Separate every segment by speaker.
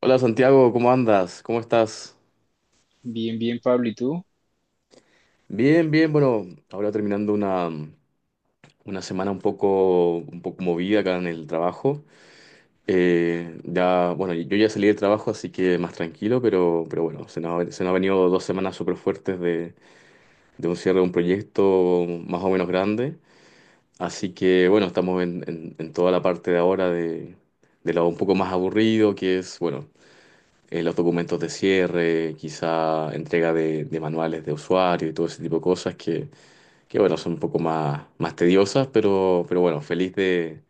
Speaker 1: Hola Santiago, ¿cómo andas? ¿Cómo estás?
Speaker 2: Bien, bien, Pablo. ¿Y tú?
Speaker 1: Bien, bien, bueno, ahora terminando una semana un poco movida acá en el trabajo. Ya, bueno, yo ya salí del trabajo, así que más tranquilo, pero, bueno, se nos han venido 2 semanas súper fuertes de un cierre de un proyecto más o menos grande. Así que bueno, estamos en toda la parte de ahora de lo un poco más aburrido, que es, bueno, los documentos de cierre, quizá entrega de, manuales de usuario y todo ese tipo de cosas que, bueno, son un poco más, tediosas, pero bueno, feliz de,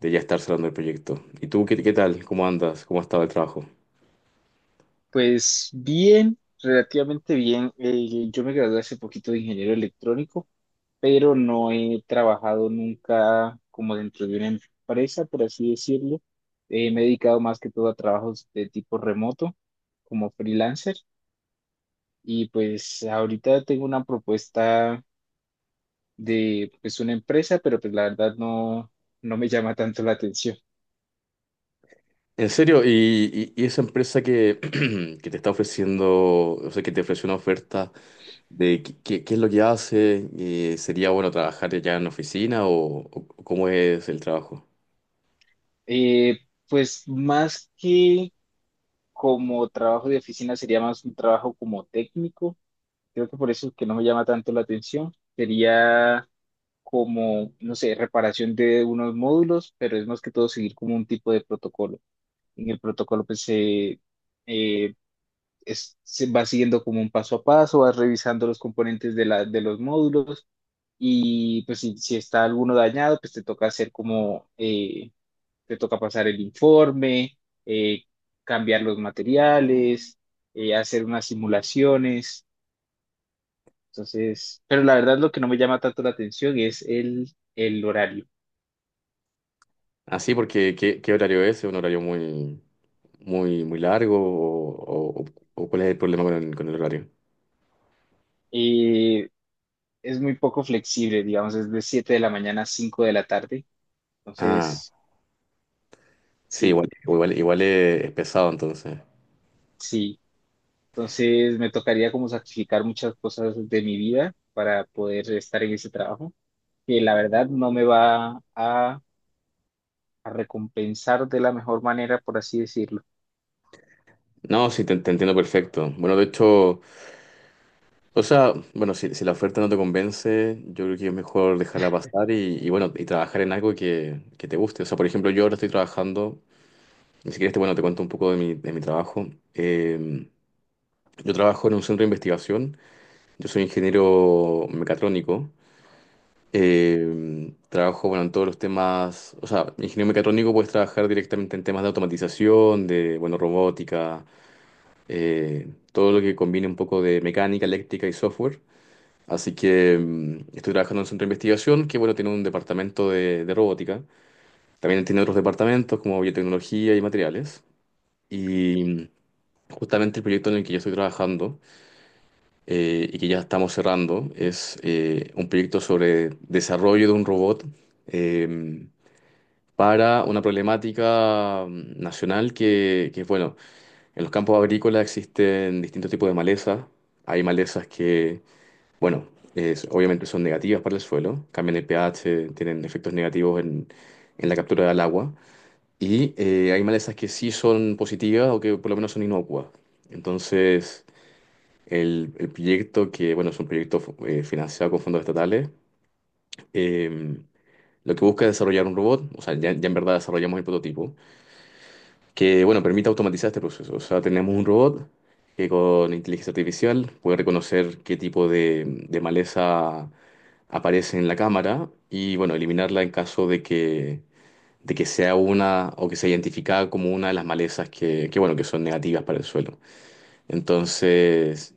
Speaker 1: de ya estar cerrando el proyecto. ¿Y tú qué tal? ¿Cómo andas? ¿Cómo ha estado el trabajo?
Speaker 2: Pues bien, relativamente bien. Yo me gradué hace poquito de ingeniero electrónico, pero no he trabajado nunca como dentro de una empresa, por así decirlo. Me he dedicado más que todo a trabajos de tipo remoto, como freelancer. Y pues ahorita tengo una propuesta de pues una empresa, pero pues la verdad no, no me llama tanto la atención.
Speaker 1: En serio, y esa empresa que, que te está ofreciendo, o sea, que te ofreció una oferta de qué es lo que hace, sería bueno trabajar ya en oficina o, cómo es el trabajo?
Speaker 2: Eh, pues más que como trabajo de oficina sería más un trabajo como técnico. Creo que por eso es que no me llama tanto la atención. Sería como, no sé, reparación de unos módulos, pero es más que todo seguir como un tipo de protocolo. En el protocolo pues eh, se va siguiendo como un paso a paso, vas revisando los componentes de los módulos y pues si está alguno dañado, pues te toca pasar el informe, eh, cambiar los materiales, hacer unas simulaciones. Entonces, pero la verdad lo que no me llama tanto la atención es el horario.
Speaker 1: Así, ¿porque ¿qué horario es? ¿Es un horario muy, muy, muy largo? ¿o cuál es el problema con el horario?
Speaker 2: Eh, es muy poco flexible, digamos, es de 7 de la mañana a 5 de la tarde.
Speaker 1: Ah,
Speaker 2: Entonces,
Speaker 1: sí,
Speaker 2: sí,
Speaker 1: igual es, pesado entonces.
Speaker 2: sí. Entonces me tocaría como sacrificar muchas cosas de mi vida para poder estar en ese trabajo, que la verdad no me va a recompensar de la mejor manera, por así decirlo.
Speaker 1: No, sí, te entiendo perfecto. Bueno, de hecho, o sea, bueno, si la oferta no te convence, yo creo que es mejor dejarla pasar y, bueno, y trabajar en algo que te guste. O sea, por ejemplo, yo ahora estoy trabajando, ni siquiera este, bueno, te cuento un poco de mi trabajo. Eh, yo trabajo en un centro de investigación, yo soy ingeniero mecatrónico. Trabajo, bueno, en todos los temas, o sea, ingeniero mecatrónico puedes trabajar directamente en temas de automatización, de, bueno, robótica, todo lo que combine un poco de mecánica, eléctrica y software. Así que estoy trabajando en un centro de investigación que, bueno, tiene un departamento de, robótica. También tiene otros departamentos como biotecnología y materiales. Y justamente el proyecto en el que yo estoy trabajando, y que ya estamos cerrando es, un proyecto sobre desarrollo de un robot, em, para una problemática nacional que, bueno, en los campos agrícolas existen distintos tipos de malezas. Hay malezas que, bueno, obviamente son negativas para el suelo, cambian el pH, tienen efectos negativos en la captura del agua. Y hay malezas que sí son positivas o que por lo menos son inocuas. Entonces, el proyecto, que bueno, es un proyecto, financiado con fondos estatales, em, lo que busca es desarrollar un robot, o sea, ya, en verdad desarrollamos el prototipo, que, bueno, permite automatizar este proceso. O sea, tenemos un robot que con inteligencia artificial puede reconocer qué tipo de, maleza aparece en la cámara y, bueno, eliminarla en caso de que sea una o que sea identificada como una de las malezas que, bueno, que son negativas para el suelo. Entonces,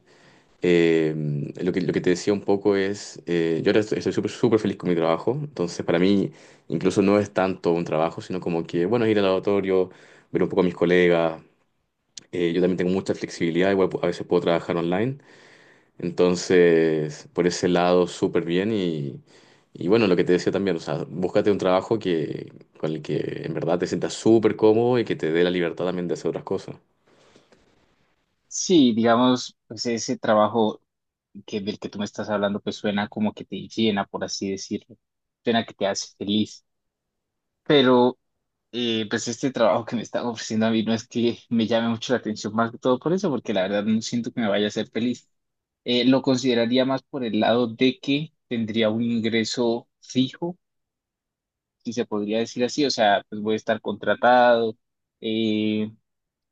Speaker 1: eh, lo que te decía un poco es, yo ahora estoy súper súper feliz con mi trabajo, entonces para mí incluso no es tanto un trabajo, sino como que, bueno, ir al laboratorio, ver un poco a mis colegas, yo también tengo mucha flexibilidad, igual a veces puedo trabajar online, entonces por ese lado súper bien y, bueno, lo que te decía también, o sea, búscate un trabajo que, con el que en verdad te sientas súper cómodo y que te dé la libertad también de hacer otras cosas.
Speaker 2: Sí, digamos, pues ese trabajo del que tú me estás hablando, pues suena como que te llena, por así decirlo. Suena que te hace feliz. Pero, pues este trabajo que me están ofreciendo a mí no es que me llame mucho la atención, más que todo por eso, porque la verdad no siento que me vaya a hacer feliz. Lo consideraría más por el lado de que tendría un ingreso fijo, si se podría decir así. O sea, pues voy a estar contratado, eh,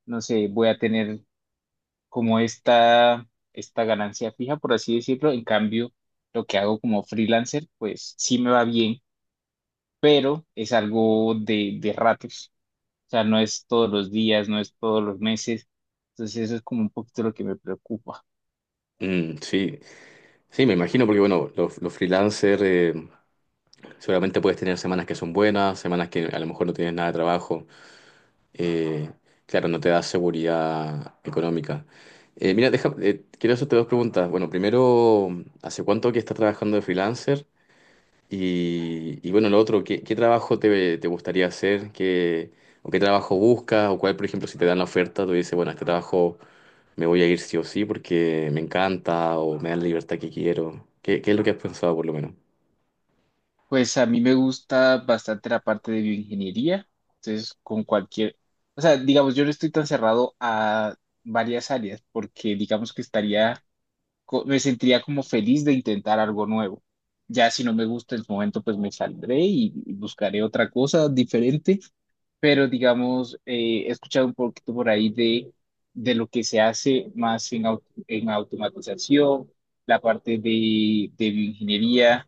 Speaker 2: no sé, voy a tener como esta ganancia fija, por así decirlo. En cambio, lo que hago como freelancer, pues sí me va bien, pero es algo de ratos. O sea, no es todos los días, no es todos los meses. Entonces, eso es como un poquito lo que me preocupa.
Speaker 1: Mm, sí, sí, me imagino, porque bueno, los freelancers, seguramente puedes tener semanas que son buenas, semanas que a lo mejor no tienes nada de trabajo. eh, claro, no te da seguridad económica. Mira, deja, quiero hacerte dos preguntas. Bueno, primero, ¿hace cuánto que estás trabajando de freelancer? y, bueno, lo otro, ¿qué, trabajo te gustaría hacer? ¿Qué, o qué trabajo buscas? ¿O cuál, por ejemplo, si te dan la oferta, tú dices, bueno, a este trabajo me voy a ir sí o sí porque me encanta o me da la libertad que quiero? ¿qué, es lo que has pensado, por lo menos?
Speaker 2: Pues a mí me gusta bastante la parte de bioingeniería. Entonces, con cualquier, o sea, digamos, yo no estoy tan cerrado a varias áreas porque digamos que estaría me sentiría como feliz de intentar algo nuevo. Ya si no me gusta el momento, pues me saldré y buscaré otra cosa diferente, pero digamos, he escuchado un poquito por ahí de lo que se hace más en automatización, la parte de bioingeniería,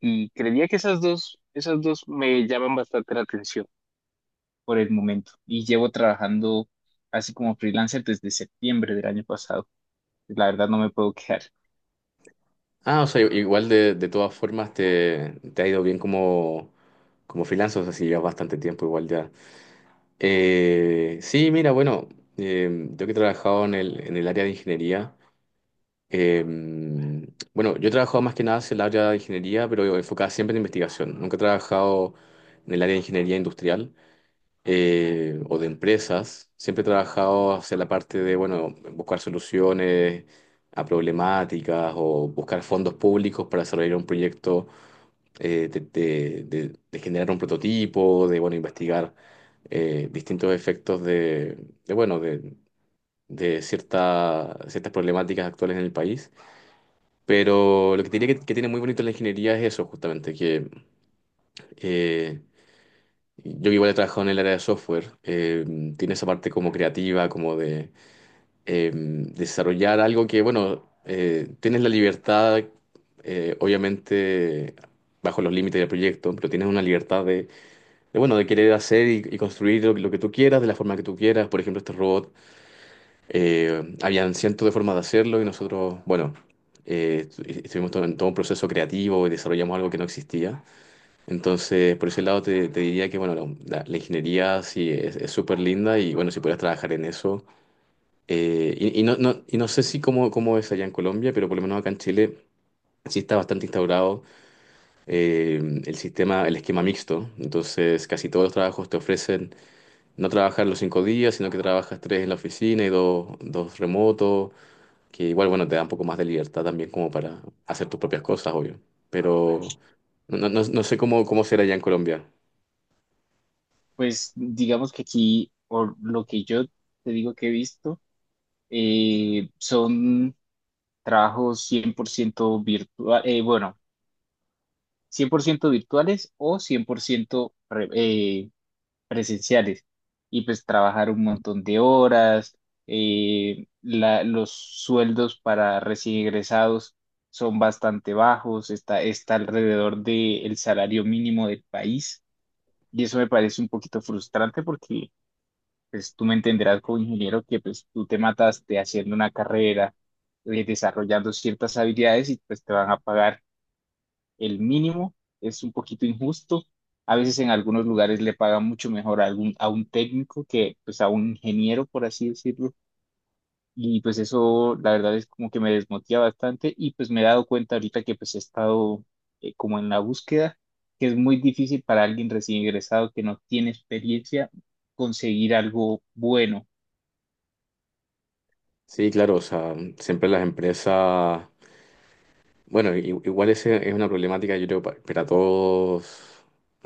Speaker 2: y creería que esas dos me llaman bastante la atención por el momento y llevo trabajando así como freelancer desde septiembre del año pasado. La verdad no me puedo quejar.
Speaker 1: Ah, o sea, igual de, todas formas te ha ido bien como freelancer, o sea, si llevas bastante tiempo igual ya. Sí, mira, bueno, yo que he trabajado en el área de ingeniería, eh, bueno, yo he trabajado más que nada en el área de ingeniería, pero enfocada siempre en investigación. Nunca he trabajado en el área de ingeniería industrial, o de empresas. Siempre he trabajado hacia la parte de, bueno, buscar soluciones a problemáticas o buscar fondos públicos para desarrollar un proyecto, de generar un prototipo, de bueno, investigar, distintos efectos de, bueno, de ciertas problemáticas actuales en el país. Pero lo que te diría que tiene muy bonito la ingeniería es eso, justamente, que, eh, yo que igual he trabajado en el área de software, tiene esa parte como creativa, como de, desarrollar algo que, bueno, tienes la libertad, obviamente, bajo los límites del proyecto, pero tienes una libertad de, bueno, de querer hacer y construir lo que tú quieras, de la forma que tú quieras. Por ejemplo, este robot, habían cientos de formas de hacerlo y nosotros, bueno, estuvimos en todo un proceso creativo y desarrollamos algo que no existía. Entonces, por ese lado te, diría que, bueno, la ingeniería sí es súper linda y, bueno, si pudieras trabajar en eso. Y no, no, y no sé si cómo, cómo es allá en Colombia, pero por lo menos acá en Chile sí está bastante instaurado, eh, el esquema mixto. Entonces, casi todos los trabajos te ofrecen no trabajar los 5 días, sino que trabajas tres en la oficina y dos remotos, que igual, bueno, te da un poco más de libertad también como para hacer tus propias cosas, obvio. Ah, bueno. Pero no, no, no sé cómo, será allá en Colombia.
Speaker 2: Pues digamos que aquí, por lo que yo te digo que he visto, son trabajos 100% virtuales, bueno, 100% virtuales o 100% presenciales. Y pues trabajar un montón de horas, los sueldos para recién egresados son bastante bajos, está alrededor del salario mínimo del país. Y eso me parece un poquito frustrante porque pues tú me entenderás como ingeniero que pues tú te mataste haciendo una carrera, desarrollando ciertas habilidades y pues te van a pagar el mínimo, es un poquito injusto. A veces en algunos lugares le pagan mucho mejor a algún, a un técnico que pues a un ingeniero, por así decirlo. Y pues eso la verdad es como que me desmotiva bastante y pues me he dado cuenta ahorita que pues he estado como en la búsqueda, que es muy difícil para alguien recién ingresado que no tiene experiencia conseguir algo bueno.
Speaker 1: Sí, claro, o sea, siempre las empresas, bueno, igual ese es una problemática, yo creo, para todos,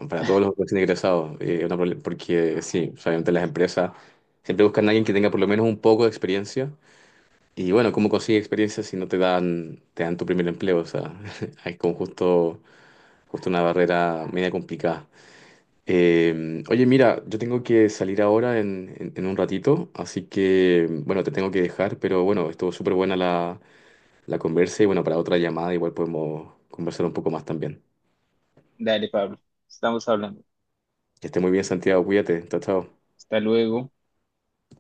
Speaker 1: para todos los recién egresados, una porque sí, o sea, obviamente las empresas siempre buscan a alguien que tenga por lo menos un poco de experiencia. Y bueno, ¿cómo consigues experiencia si no te dan, tu primer empleo? O sea, hay como justo una barrera media complicada. Oye, mira, yo tengo que salir ahora en un ratito, así que, bueno, te tengo que dejar, pero bueno, estuvo súper buena la conversa y bueno, para otra llamada igual podemos conversar un poco más también.
Speaker 2: Dale, Pablo, estamos hablando.
Speaker 1: Que esté muy bien, Santiago, cuídate, chao, chao.
Speaker 2: Hasta luego.